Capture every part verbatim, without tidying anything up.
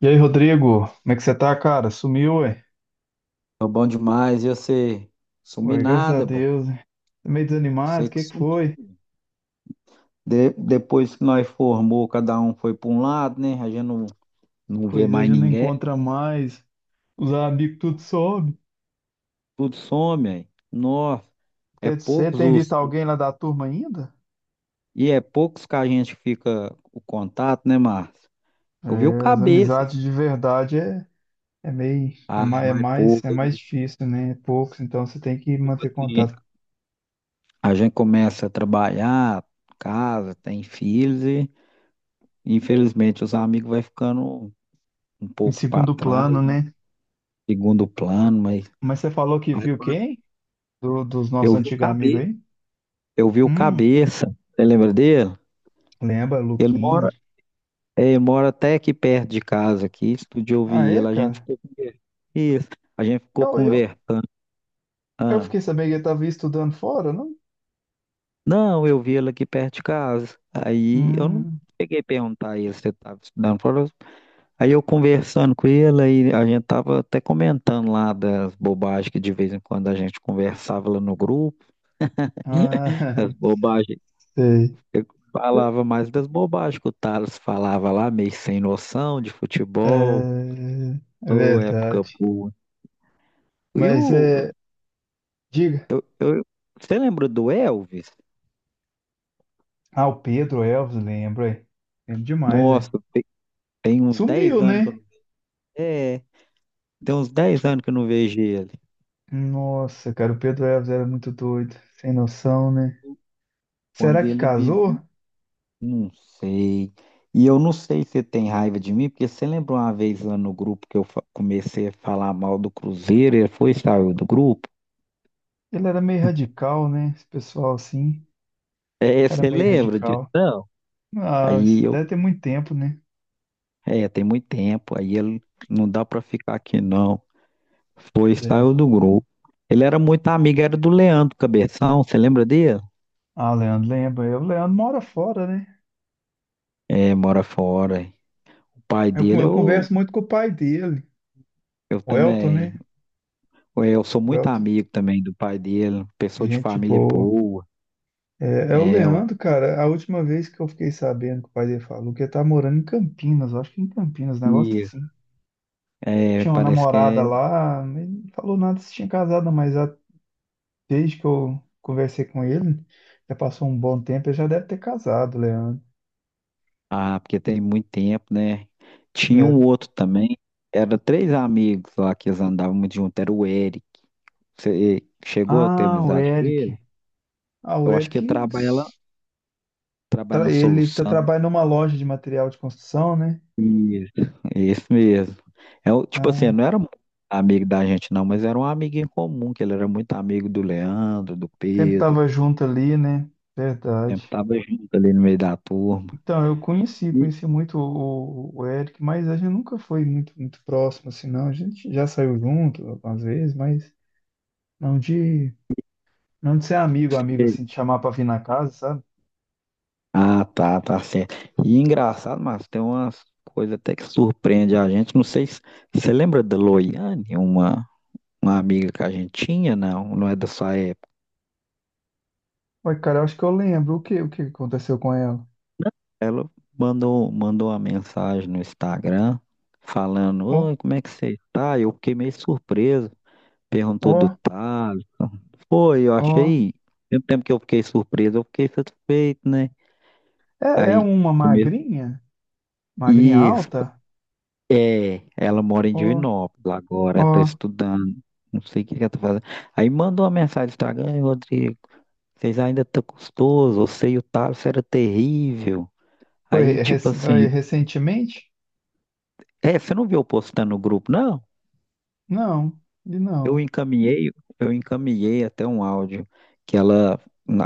E aí, Rodrigo, como é que você tá, cara? Sumiu, ué? Tô bom demais. E você? Sumi Ué, graças a nada, bom. Deus. Ué. Tá meio desanimado, o Você que que é que foi? sumiu. De- depois que nós formou, cada um foi para um lado, né? A gente não, não vê Pois é, mais já não ninguém. encontra mais. Os amigos tudo sobe. Tudo some, aí. Nossa, é Você poucos tem visto os... alguém lá da turma ainda? E é poucos que a gente fica o contato, né, Márcio? É, Eu vi o as cabeça. amizades assim. de verdade é, é meio, é Ah, é mais, é mais mais, é poucos, mais né? difícil, né? É poucos, então você tem que Tipo manter assim, contato. a gente começa a trabalhar, casa, tem filhos e, infelizmente, os amigos vai ficando um Em pouco para segundo trás, plano, né? né? Segundo plano, mas Mas você falou que Mas, viu pô, quem? Do- dos Eu nossos vi o antigos amigos Cabe, aí? eu vi o Hum, Cabeça, você lembra dele? lembra, Ele Luquinha. mora, é, ele mora até aqui perto de casa, aqui, outro dia eu Ah, vi é, ele, a gente cara? ficou conversando. Isso, a gente ficou conversando. Eu Ah, fiquei sabendo que ele estava estudando fora, não? não, eu vi ele aqui perto de casa. Aí eu não Hum, peguei a perguntar a ele se ele estava estudando. Falou- Aí eu conversando com ele, aí a gente tava até comentando lá das bobagens que de vez em quando a gente conversava lá no grupo, ah, as bobagens sei. eu falava mais das bobagens que o Thales falava lá, meio sem noção de futebol, É, é ô, época verdade. boa. E o, Mas é. Diga. eu, eu- você lembra do Elvis? Ah, o Pedro Elvis lembro, é. Lembro demais, é. Nossa, te- tem, uns dez Sumiu, anos que eu né? não, é, tem uns dez anos que eu não vejo ele. Nossa, cara, o Pedro Elvis era muito doido. Sem noção, né? Quando Será que ele casou? bebia, não sei. E eu não sei se você tem raiva de mim, porque você lembra uma vez lá no grupo que eu fa- comecei a falar mal do Cruzeiro, ele foi e saiu do grupo? Ele era meio radical, né? Esse pessoal assim. É, Era você meio lembra disso? radical. Não? Ah, Aí eu deve ter muito tempo, né? É, tem muito tempo, aí ele não dá pra ficar aqui não. Foi, e É. saiu do grupo. Ele era muito amigo, era do Leandro Cabeção, você lembra dele? Ah, Leandro, lembra. O Leandro mora fora, né? É, mora fora. O pai Eu, dele, eu eu, converso muito com o pai dele, eu o Elton, também. né? É, eu sou O muito Elton, amigo também do pai dele, pessoa de gente família boa. boa. É, é o É, ué. Leandro, cara. A última vez que eu fiquei sabendo que o pai dele falou que ele tá morando em Campinas, eu acho que em Campinas, um negócio E assim. é, Tinha uma parece que namorada é. lá, mas não falou nada se tinha casado, mas já, desde que eu conversei com ele, já passou um bom tempo, ele já deve ter casado, Leandro, Ah, porque tem muito tempo, né? Tinha né? um outro também, era três amigos lá que eles andavam muito junto, era o Eric. Você chegou a ter Ah, o amizade com Eric. ele? Ah, o Eu acho que Eric, trabalha, lá- trabalha tra- na ele tá, solução. trabalha numa loja de material de construção, né? Isso, é isso mesmo. É, o- tipo assim, Ah, não era muito amigo da gente, não, mas era um amigo em comum, que ele era muito amigo do Leandro, do sempre Pedro. tava junto ali, né? Sempre Verdade. tava junto ali no meio da turma. Então, eu conheci, E- conheci muito o, o Eric, mas a gente nunca foi muito, muito próximo, assim, não. A gente já saiu junto algumas vezes, mas não de, não de ser amigo, amigo, e- assim, de chamar pra vir na casa, sabe? Ah, tá, tá certo. E engraçado, mas tem umas coisas até que surpreende a gente. Não sei se você lembra da Loiane, uma, uma amiga que a gente tinha, não? Não é da sua. Ué, cara, eu acho que eu lembro. O que, o que aconteceu com ela? Ela mandou, mandou uma mensagem no Instagram falando, Ó, "Oi, como é que você tá?" Eu fiquei meio surpreso. Perguntou do ó, Thales. Foi, eu ó. achei. Mesmo tempo que eu fiquei surpreso, eu fiquei satisfeito, né? É, é Aí uma começou. magrinha? Magrinha Isso, alta? é. Ela mora em Ó, Divinópolis agora, ela tá ó. estudando. Não sei o que que ela tá fazendo. Aí mandou uma mensagem no Instagram, "Ei, Rodrigo, vocês ainda estão custoso, eu sei o Thales era terrível." Foi, Aí, rec- tipo foi assim, recentemente? é, você não viu eu postando no grupo, não? Não, ele Eu não. encaminhei, eu encaminhei até um áudio que ela,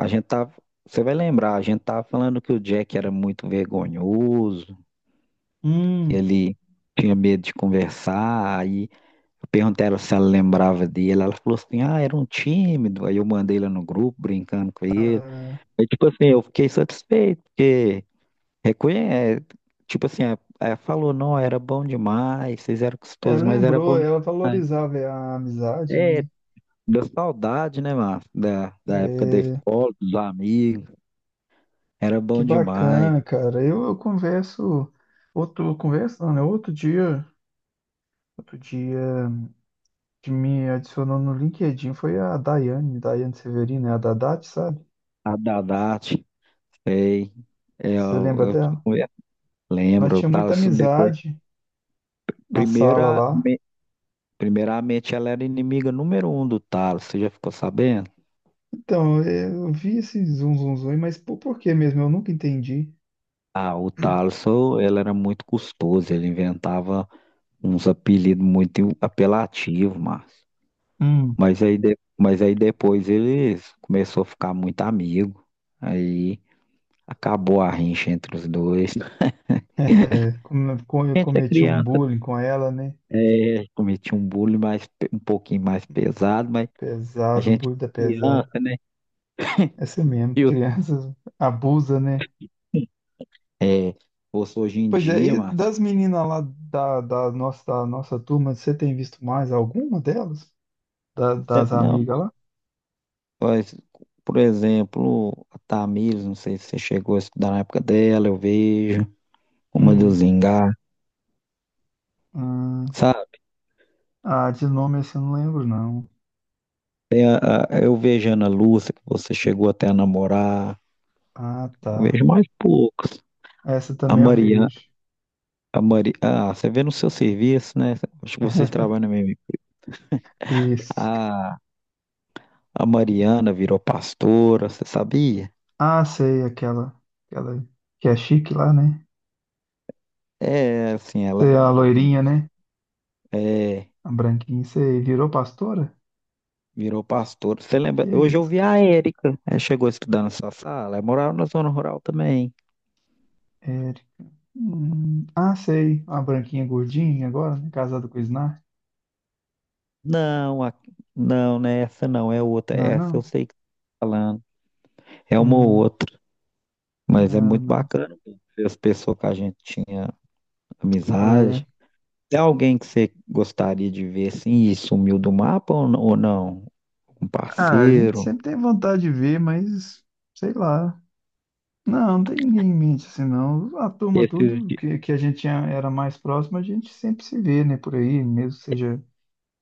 a gente tá, você vai lembrar, a gente tava falando que o Jack era muito vergonhoso, que Hum. ele tinha medo de conversar, aí eu perguntei a ela se ela lembrava dele, ela falou assim, ah, era um tímido, aí eu mandei ela no grupo brincando com ele, aí tipo assim, eu fiquei satisfeito, porque reconhece, tipo assim, ela falou, não, era bom demais, vocês eram É, gostosos, mas era lembrou, bom ela demais. valorizava a amizade, É, né? deu saudade, né, Márcio? Da, da época da É, escola, dos amigos. Era que bom demais. bacana, cara. Eu, eu converso, outro, converso, não, né? Outro dia, outro dia, que me adicionou no LinkedIn foi a Daiane, Daiane Severino, né? A Dadate, sabe? A Dadate, sei. Você Eu, lembra eu, te dela? Nós lembro, o tínhamos muita Thales depois. amizade na sala Primeira, lá. me- Primeiramente, ela era inimiga número um do Thales. Você já ficou sabendo? Então, eu vi esse zum, zum, zum, mas por, por que mesmo? Eu nunca entendi. Ah, o Thales, ô, ele era muito custoso. Ele inventava uns apelidos muito apelativos, Márcio. Hum. Mas aí, de- mas aí depois eles começou a ficar muito amigo. Aí, acabou a rincha entre os dois. A É, como como eu gente é cometi um criança, bullying com ela, né? é, cometia um bullying mais, pe- um pouquinho mais pesado, mas a Pesado, gente bullying da é pesada. criança, né? Essa é mesmo, E o- crianças abusa, né? É, fosse hoje em Pois é, dia, e Márcio, das meninas lá da, da nossa, da nossa turma, você tem visto mais alguma delas? Da- cê- das não, amigas lá? mas, por exemplo, a Tamires, não sei se você chegou a estudar na época dela, eu vejo, uma do Hum. Zingá, Ah, sabe? ah, de nome assim eu não lembro, não. Tem a- a- eu vejo a Ana Lúcia, que você chegou até a namorar, Ah, eu tá. vejo mais poucos. Essa A também eu Mariana vejo. A Mari... Ah, você vê no seu serviço, né? Acho que vocês trabalham mesmo. Isso. A, a Mariana virou pastora, você sabia? Ah, sei, aquela, aquela que é chique lá, né? É, assim, ela Sei, era um a pouquinho. loirinha, incos- né? É, A branquinha. Sei, virou pastora? virou pastora. Você Que lembra? Hoje eu isso, vi a Érica. Ela chegou a estudar na sua sala. Ela morava na zona rural também. Eric. Hum, ah, sei, a branquinha gordinha agora, né? Casada com o Snark. Não, a- não, não é essa não, é outra. Não, é Essa eu não. sei que você tá falando. É uma ou Hum, outra. Mas é não, muito não. bacana ver as pessoas que a gente tinha É. amizade. Tem alguém que você gostaria de ver assim e sumiu do mapa ou n- ou não? Um Ah, a gente parceiro? sempre tem vontade de ver, mas sei lá. Não, não tem ninguém em mente assim, não. A turma, Esses, tudo de- que, que a gente tinha- era mais próximo, a gente sempre se vê, né, por aí, mesmo que seja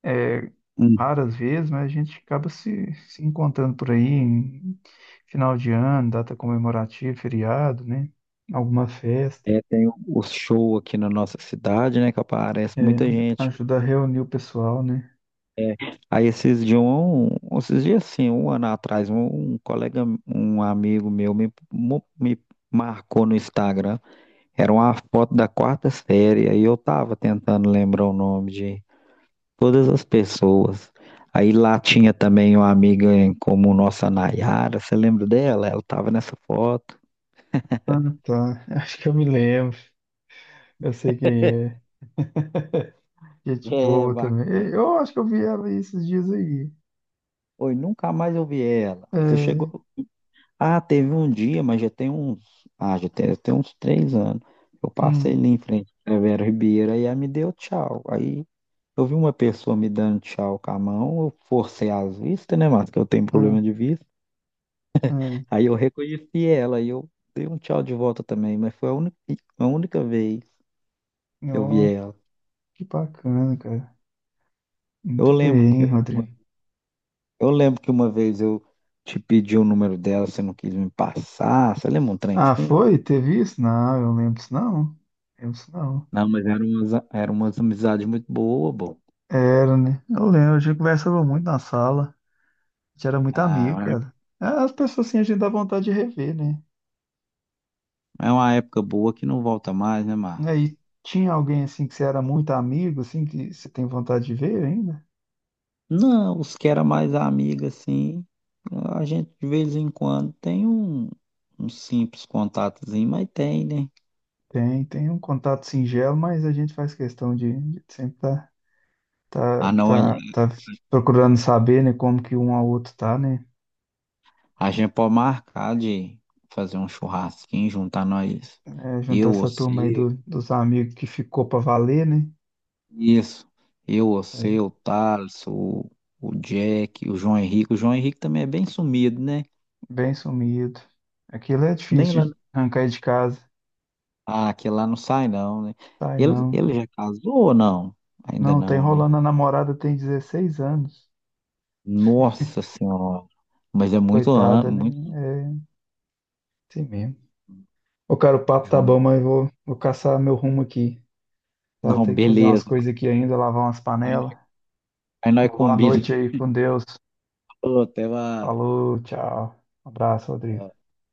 é, hum, raras vezes, mas a gente acaba se, se encontrando por aí em final de ano, data comemorativa, feriado, né? Alguma festa. é, tem o o show aqui na nossa cidade, né? Que aparece É, muita gente. ajuda a reunir o pessoal, né? É, aí esses de um, um, esses dias assim, um ano atrás, um, um colega, um amigo meu me, mo- me marcou no Instagram. Era uma foto da quarta série. Aí eu tava tentando lembrar o nome todas as pessoas. Aí lá tinha também uma amiga em como nossa Nayara, você lembra dela? Ela estava nessa foto. Ah, tá. Acho que eu me lembro. Eu sei quem é. Gente É, boa também. E- bacana. Eu acho que eu vi ela aí esses dias aí. Oi, nunca mais eu vi ela. Você É, chegou. Ah, teve um dia, mas já tem uns. Ah, já tem, já tem uns três anos. Eu passei hum, ali em frente à Vera Ribeira e ela me deu tchau. Aí eu vi uma pessoa me dando tchau com a mão, eu forcei as vistas, né, Márcio? Que eu tenho hum, problema de vista. hum. Aí eu reconheci ela e eu dei um tchau de volta também, mas foi a única, a única vez. que eu vi Ó, ela. que bacana, cara. Eu Muito lembro que bem, uma, Rodrigo. eu lembro que uma vez eu te pedi o número dela, você não quis me passar. Você lembra um trem Ah, assim? foi? Teve isso? Não, eu lembro disso não. Lembro disso não. Não, mas eram umas, era umas amizades muito boas, bom. Era, né? Eu lembro, a gente conversava muito na sala. A gente era muito Ah, amigo, é cara. Ah, as pessoas assim, a gente dá vontade de rever, né? é uma época boa que não volta mais, né, Márcio? Aí tinha alguém assim que você era muito amigo, assim, que você tem vontade de ver ainda? Não, os que era mais amiga, assim, a gente de vez em quando tem um, um simples contatozinho, mas tem, né? Tem, tem um contato singelo, mas a gente faz questão de, de sempre estar. Tá, Ah, não, aí tá, tá procurando saber, né, como que um ao outro tá, né? a gente pode marcar de fazer um churrasquinho, juntar nós, É, juntar eu, essa turma aí você. do- dos amigos que ficou pra valer, né? Isso. Eu, É, você, o Thales, o, o Jack, o João Henrique. O João Henrique também é bem sumido, né? bem sumido. Aquilo é Nem difícil lá. de arrancar aí de casa. Ah, que lá não sai, não, né? Sai Ele, não. ele já casou ou não? Ainda Não, tá não, né? enrolando a namorada, tem dezesseis anos. Nossa Senhora. Mas é muito, an- Coitada, né? muito É assim mesmo. Ô, cara, o papo tá bom, jovem. mas eu vou, vou caçar meu rumo aqui, tá? Não, Tem que fazer umas beleza. coisas aqui ainda, lavar umas Aí, panelas. aí nós Boa noite combinamos. aí com Deus. Falou, até mais. Falou, tchau. Abraço, Rodrigo.